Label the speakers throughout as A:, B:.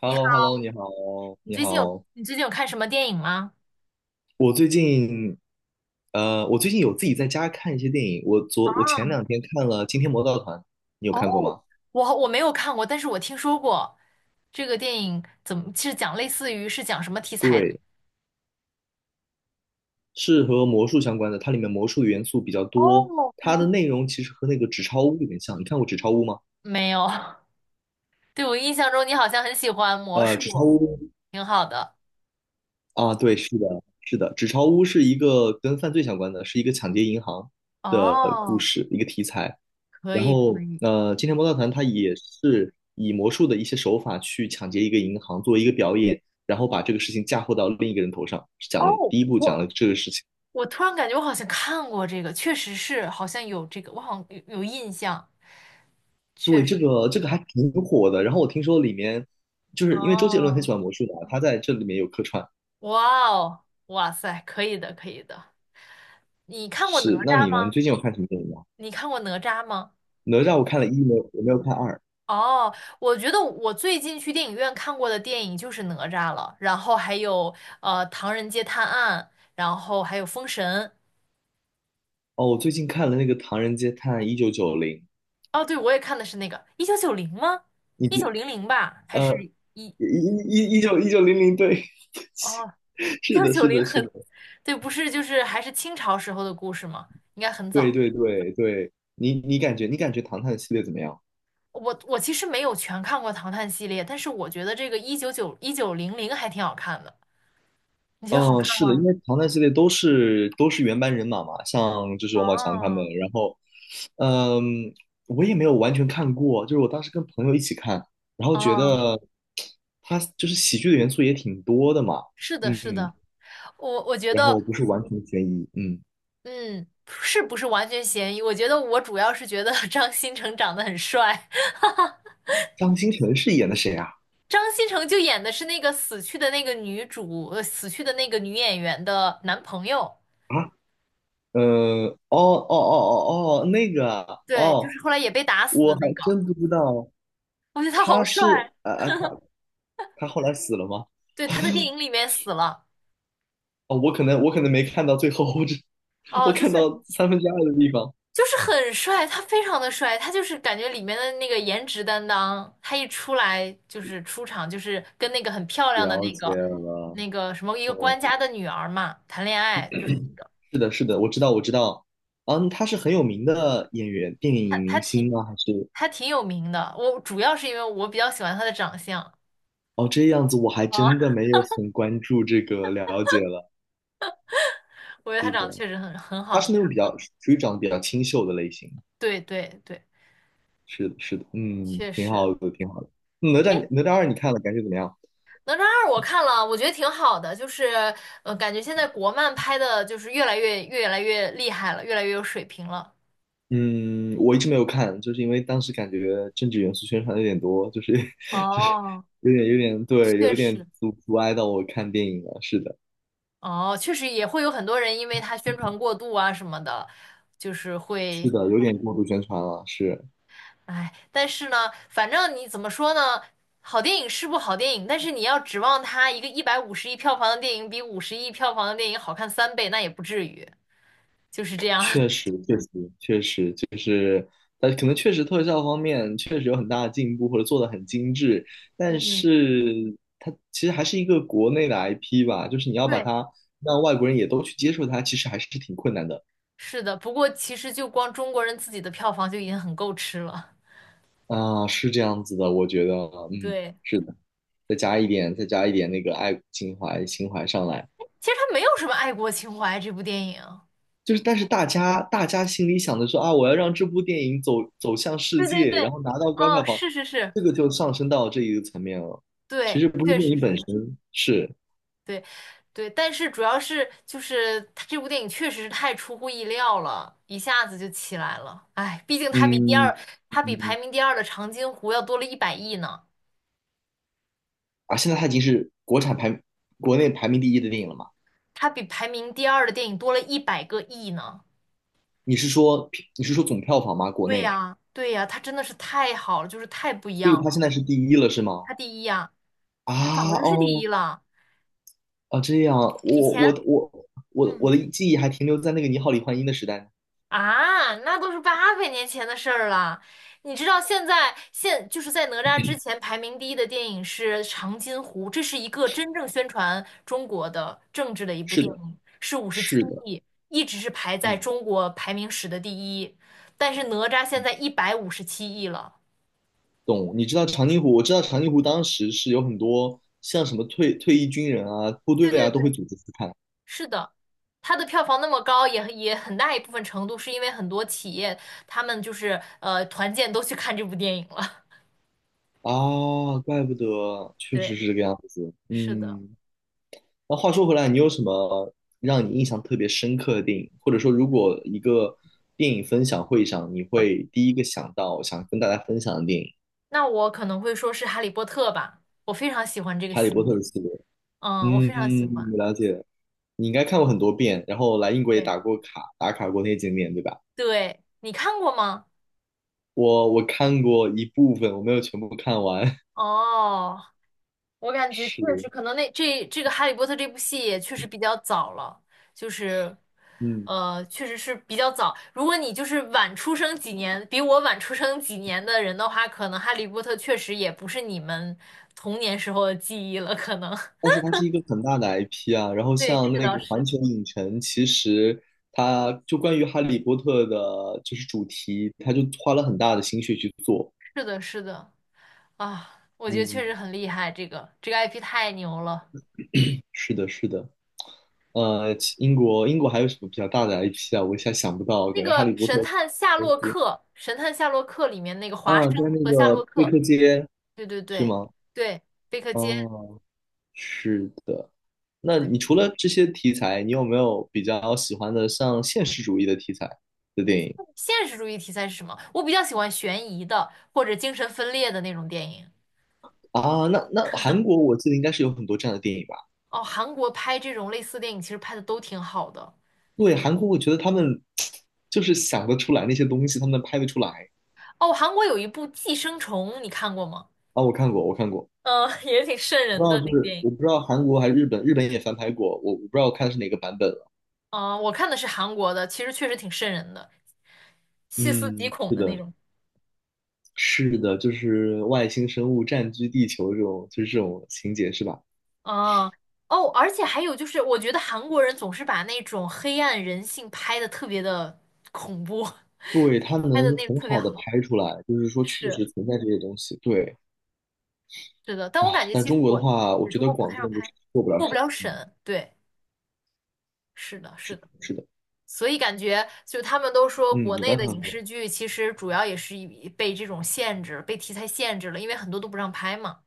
A: h e
B: 你
A: l l
B: 好，
A: o h e l l o 你好，
B: 你
A: 你
B: 最近有
A: 好。
B: 你最近有看什么电影吗？
A: 我最近，我最近有自己在家看一些电影。我前
B: 啊，
A: 2天看了《惊天魔盗团》，你有
B: 哦，
A: 看过吗？
B: 我没有看过，但是我听说过这个电影怎么是讲类似于是讲什么题材的？
A: 对，是和魔术相关的，它里面魔术元素比较多。
B: 哦，对
A: 它的
B: 对对，
A: 内容其实和那个《纸钞屋》有点像。你看过《纸钞屋》吗？
B: 没有，对，我印象中你好像很喜欢魔
A: 呃，
B: 术，
A: 《纸钞屋》
B: 挺好的。
A: 啊，对，是的，是的，《纸钞屋》是一个跟犯罪相关的，是一个抢劫银行的故
B: 哦，
A: 事，一个题材。
B: 可
A: 然
B: 以可
A: 后，
B: 以。
A: 《今天魔盗团》它也是以魔术的一些手法去抢劫一个银行，作为一个表演，然后把这个事情嫁祸到另一个人头上。
B: 哦，
A: 第一部讲
B: 我
A: 了这个事情，
B: 我突然感觉我好像看过这个，确实是好像有这个，我好像有印象，确
A: 对，
B: 实。
A: 这个还挺火的。然后我听说里面，就是因为周杰伦很
B: 哦，
A: 喜欢魔术的，他在这里面有客串。
B: 哇哦，哇塞，可以的可以的。你看过哪
A: 是，那
B: 吒
A: 你呢？你
B: 吗？
A: 最近有看什么电影吗？
B: 你看过哪吒吗？
A: 哪吒我看了一，没有，我没有看二。
B: 哦，我觉得我最近去电影院看过的电影就是哪吒了，然后还有《唐人街探案》，然后还有《封神》。
A: 哦，我最近看了那个《唐人街探案1990》，
B: 哦，对，我也看的是那个一九九零吗？
A: 你
B: 一九
A: 觉
B: 零零吧，还
A: 呃
B: 是
A: 一九零零对，
B: 哦，一
A: 是
B: 九
A: 的，
B: 九
A: 是
B: 零
A: 的，是的，
B: 很，对，不是，就是还是清朝时候的故事吗？应该很
A: 对
B: 早。
A: 对对对，你感觉唐探系列怎么样？
B: 我其实没有全看过《唐探》系列，但是我觉得这个一九九一九零零还挺好看的，你觉得好
A: 嗯、
B: 看
A: 是的，因
B: 吗？
A: 为唐探系列都是原班人马嘛，像就是王宝强他们，
B: 哦
A: 然后嗯，我也没有完全看过，就是我当时跟朋友一起看，然后觉
B: 哦，
A: 得他就是喜剧的元素也挺多的嘛，
B: 是的，是
A: 嗯，
B: 的，我觉
A: 然
B: 得，
A: 后不是完全悬疑，嗯。
B: 嗯，是不是完全嫌疑？我觉得我主要是觉得 张新成长得很帅，
A: 张新成是演的谁啊？
B: 张新成就演的是那个死去的那个女主，死去的那个女演员的男朋友，
A: 啊，哦哦哦哦哦，那个啊
B: 对，就
A: 哦，
B: 是后来也被打死
A: 我
B: 的
A: 还
B: 那个，
A: 真不知道
B: 我觉得他好
A: 他
B: 帅，
A: 是啊啊，他后来死了吗？
B: 对，他在电影里面死了，
A: 哦，我可能没看到最后，
B: 哦，
A: 我
B: 就
A: 看
B: 是
A: 到2/3的地方。
B: 就是很帅，他非常的帅，他就是感觉里面的那个颜值担当，他一出来就是出场，就是跟那个很漂亮的
A: 了
B: 那
A: 解
B: 个
A: 了，
B: 那个什么一个
A: 懂
B: 官家
A: 了。
B: 的女儿嘛谈恋爱，就是那个
A: 是的，是的，我知道，我知道。嗯，他是很有名的演员、电
B: 他
A: 影
B: 他
A: 明
B: 挺
A: 星吗？还是
B: 他挺有名的，我主要是因为我比较喜欢他的长相
A: 哦这样子，我还
B: 啊，
A: 真的没有很关注这个了解了。
B: 我觉得他
A: 是
B: 长得
A: 的，
B: 确实很
A: 他
B: 好
A: 是那种
B: 看，
A: 比较属于长得比较清秀的类型。
B: 对对对，
A: 是的，是的，嗯，
B: 确
A: 挺
B: 实。
A: 好的，挺好的。
B: 哎，
A: 哪吒二你看了，感觉怎么样？
B: 哪吒二我看了，我觉得挺好的，就是感觉现在国漫拍的就是越来越厉害了，越来越有水平了。
A: 嗯，我一直没有看，就是因为当时感觉政治元素宣传有点多，就是 就是
B: 哦，
A: 有点对，
B: 确
A: 有点
B: 实，
A: 阻碍到我看电影了。是的，
B: 哦，确实也会有很多人因为他宣传过度啊什么的，就是
A: 是
B: 会，
A: 的，有点过度宣传了。是，
B: 哎，但是呢，反正你怎么说呢，好电影是部好电影，但是你要指望它一个150亿票房的电影比五十亿票房的电影好看三倍，那也不至于，就是这样。
A: 确实，确实，确实，可能确实特效方面确实有很大的进步，或者做的很精致，但
B: 嗯，
A: 是它其实还是一个国内的 IP 吧，就是你要把
B: 对，
A: 它让外国人也都去接受它，其实还是挺困难的
B: 是的。不过其实就光中国人自己的票房就已经很够吃了。
A: 啊，是这样子的，我觉得，嗯，
B: 对，
A: 是的，再加一点那个爱国情怀上来，
B: 其实它没有什么爱国情怀，这部电影。
A: 就是但是大家心里想的说啊，我要让这部电影走向世
B: 对对对，
A: 界，然后拿到高
B: 哦，
A: 票房，
B: 是是是，
A: 这个就上升到这一个层面了，其
B: 对，
A: 实不是
B: 确
A: 电
B: 实
A: 影
B: 是
A: 本
B: 会，
A: 身，是。
B: 对，对，但是主要是就是他这部电影确实是太出乎意料了，一下子就起来了。哎，毕竟它比第
A: 嗯
B: 二，它比排
A: 嗯
B: 名第二的长津湖要多了100亿呢，
A: 啊，现在它已经是国内排名第一的电影了嘛？
B: 它比排名第二的电影多了100个亿呢。
A: 你是说你是说总票房吗？国
B: 对
A: 内，
B: 呀，对呀，它真的是太好了，就是太不一
A: 所
B: 样
A: 以它
B: 了。
A: 现在是第一了是吗？
B: 它第一呀，
A: 啊
B: 它早就是第
A: 哦
B: 一了，
A: 啊，这样，
B: 以
A: 我
B: 前。
A: 我我我我
B: 嗯。
A: 的记忆还停留在那个《你好，李焕英》的时代呢。
B: 啊，那都是八百年前的事儿了。你知道现在现就是在哪吒之前排名第一的电影是《长津湖》，这是一个真正宣传中国的政治的一部
A: 是
B: 电
A: 的，
B: 影，是五十七
A: 是的，
B: 亿，一直是排在
A: 嗯，
B: 中国排名史的第一。但是哪吒现在157亿了，
A: 懂。你知道长津湖？我知道长津湖当时是有很多像什么退役军人啊、部
B: 对
A: 队
B: 对
A: 啊都会
B: 对，
A: 组织去看
B: 是的，它的票房那么高，也很大一部分程度是因为很多企业他们就是团建都去看这部电影了。
A: 啊，怪不得，确实
B: 对，
A: 是这个样子。
B: 是的。
A: 嗯。那话说回来，你有什么让你印象特别深刻的电影？或者说，如果一个电影分享会上，你会第一个想到想跟大家分享的电影
B: 那我可能会说是《哈利波特》吧，我非常喜欢这个
A: 《哈利
B: 系
A: 波特》
B: 列，
A: 的系列？
B: 嗯，我非常喜
A: 嗯，
B: 欢。
A: 我了解。你应该看过很多遍，然后来英国也
B: 对
A: 打过卡，打卡过那些景点，对吧？
B: 对，你看过吗？
A: 我看过一部分，我没有全部看完。
B: 哦，我感觉确
A: 是，
B: 实可能那这个《哈利波特》这部戏也确实比较早了，就是
A: 嗯，
B: 确实是比较早。如果你就是晚出生几年，比我晚出生几年的人的话，可能《哈利波特》确实也不是你们童年时候的记忆了，可能。
A: 但 是它是一个很大的 IP 啊，然后
B: 对，这
A: 像
B: 个
A: 那
B: 倒
A: 个环
B: 是，
A: 球影城，其实它就关于哈利波特的，就是主题，它就花了很大的心血去做。
B: 是的，是的。啊，我觉得确
A: 嗯，
B: 实很厉害，这个 IP 太牛了。
A: 是的，是的。其英国英国还有什么比较大的 IP 啊？我一下想不到，
B: 那
A: 感觉哈
B: 个
A: 利波
B: 《神
A: 特
B: 探夏
A: 呃
B: 洛克》，《神探夏洛克》里面那个华
A: 啊，
B: 生
A: 在那
B: 和夏洛
A: 个贝
B: 克，
A: 克街
B: 对对
A: 是
B: 对
A: 吗？
B: 对，贝克街，
A: 哦，是的。那你
B: 对，
A: 除了这些题材，你有没有比较喜欢的像现实主义的题材的电影？
B: 现实主义题材是什么？我比较喜欢悬疑的或者精神分裂的那种电影。
A: 啊，那韩国我记得应该是有很多这样的电影吧？
B: 哦，韩国拍这种类似电影其实拍的都挺好的。
A: 对，韩国我觉得他们 就是想得出来那些东西，他们拍得出来
B: 哦，韩国有一部《寄生虫》，你看过吗？
A: 啊。我看过，我看过，
B: 嗯，也挺瘆
A: 不知
B: 人的
A: 道
B: 那个电
A: 是
B: 影。
A: 我不知道韩国还是日本，日本也翻拍过，我不知道我看的是哪个版本了。
B: 嗯，我看的是韩国的，其实确实挺瘆人的，细思极
A: 嗯，
B: 恐
A: 是
B: 的那
A: 的，
B: 种。
A: 是的，就是外星生物占据地球这种，就是这种情节是吧？
B: 哦哦，而且还有就是，我觉得韩国人总是把那种黑暗人性拍的特别的恐怖，
A: 对，它
B: 拍的
A: 能
B: 那个
A: 很
B: 特别
A: 好的
B: 好。
A: 拍出来，就是说确
B: 是
A: 实存在这些东西。对
B: 是的，但我感
A: 啊，
B: 觉
A: 但
B: 其实
A: 中国的
B: 国
A: 话，我觉
B: 中
A: 得
B: 国不
A: 广
B: 太
A: 电
B: 让
A: 就
B: 拍，
A: 是做不了
B: 过不
A: 什么。
B: 了审。对，是的，
A: 是
B: 是
A: 的
B: 的。
A: 是的，
B: 所以感觉就他们都说，
A: 嗯，
B: 国
A: 你
B: 内
A: 刚
B: 的
A: 才。
B: 影视剧其实主要也是以被这种限制、被题材限制了，因为很多都不让拍嘛。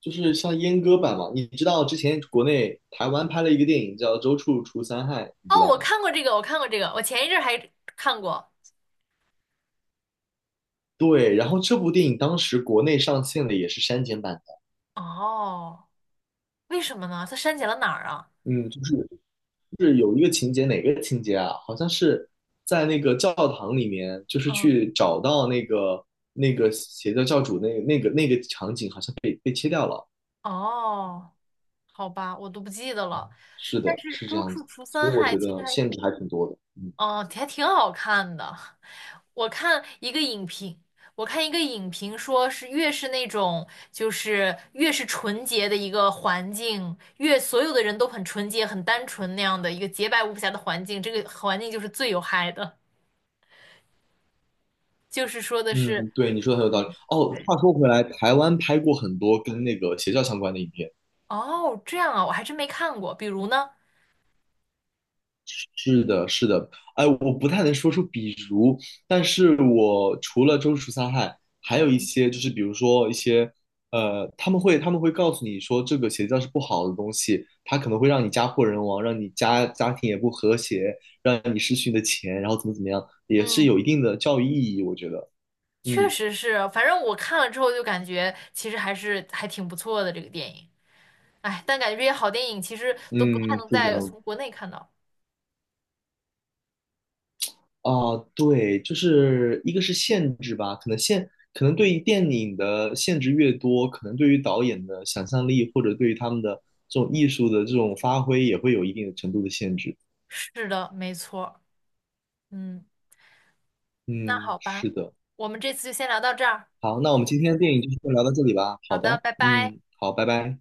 A: 就是像阉割版嘛。你知道之前国内台湾拍了一个电影叫《周处除三害》，你知
B: 哦，
A: 道
B: 我
A: 吗？
B: 看过这个，我看过这个，我前一阵儿还看过。
A: 对，然后这部电影当时国内上线的也是删减版的，
B: 哦，为什么呢？他删减了哪儿啊？
A: 嗯，就是就是有一个情节，哪个情节啊？好像是在那个教堂里面，就是
B: 嗯
A: 去找到那个邪教教主那个场景，好像被切掉了。
B: 哦，好吧，我都不记得了。
A: 是
B: 但
A: 的，
B: 是
A: 是这
B: 《周
A: 样
B: 处
A: 子，
B: 除
A: 所
B: 三
A: 以我
B: 害》
A: 觉
B: 其实
A: 得
B: 还，
A: 限制还挺多的，嗯。
B: 哦，还挺好看的。我看一个影评，我看一个影评说是越是那种就是越是纯洁的一个环境，越所有的人都很纯洁、很单纯那样的一个洁白无瑕的环境，这个环境就是最有害的。就是说的是，
A: 嗯，对，你说的很有道理。
B: 嗯，
A: 哦，
B: 对，
A: 话说回来，台湾拍过很多跟那个邪教相关的影片。
B: 哦，这样啊，我还真没看过。比如呢，
A: 是的，是的。哎，我不太能说出比如，但是我除了《周处杀害》，还有一
B: 嗯
A: 些就是比如说一些他们会告诉你说这个邪教是不好的东西，它可能会让你家破人亡，让你家庭也不和谐，让你失去你的钱，然后怎么怎么样，也是
B: 嗯。
A: 有一定的教育意义，我觉得。
B: 确
A: 嗯
B: 实是，反正我看了之后就感觉其实还是还挺不错的这个电影。哎，但感觉这些好电影其实都不太
A: 嗯，
B: 能
A: 是这
B: 在
A: 样
B: 从国内看到。
A: 哦，对，就是一个是限制吧，可能对于电影的限制越多，可能对于导演的想象力或者对于他们的这种艺术的这种发挥也会有一定的程度的限制。
B: 是的，没错。嗯，那
A: 嗯，
B: 好吧，
A: 是的。
B: 我们这次就先聊到这儿。
A: 好，那我们今天的电影就先聊到这里吧。
B: 好
A: 好
B: 的，
A: 的，
B: 拜拜。
A: 嗯，好，拜拜。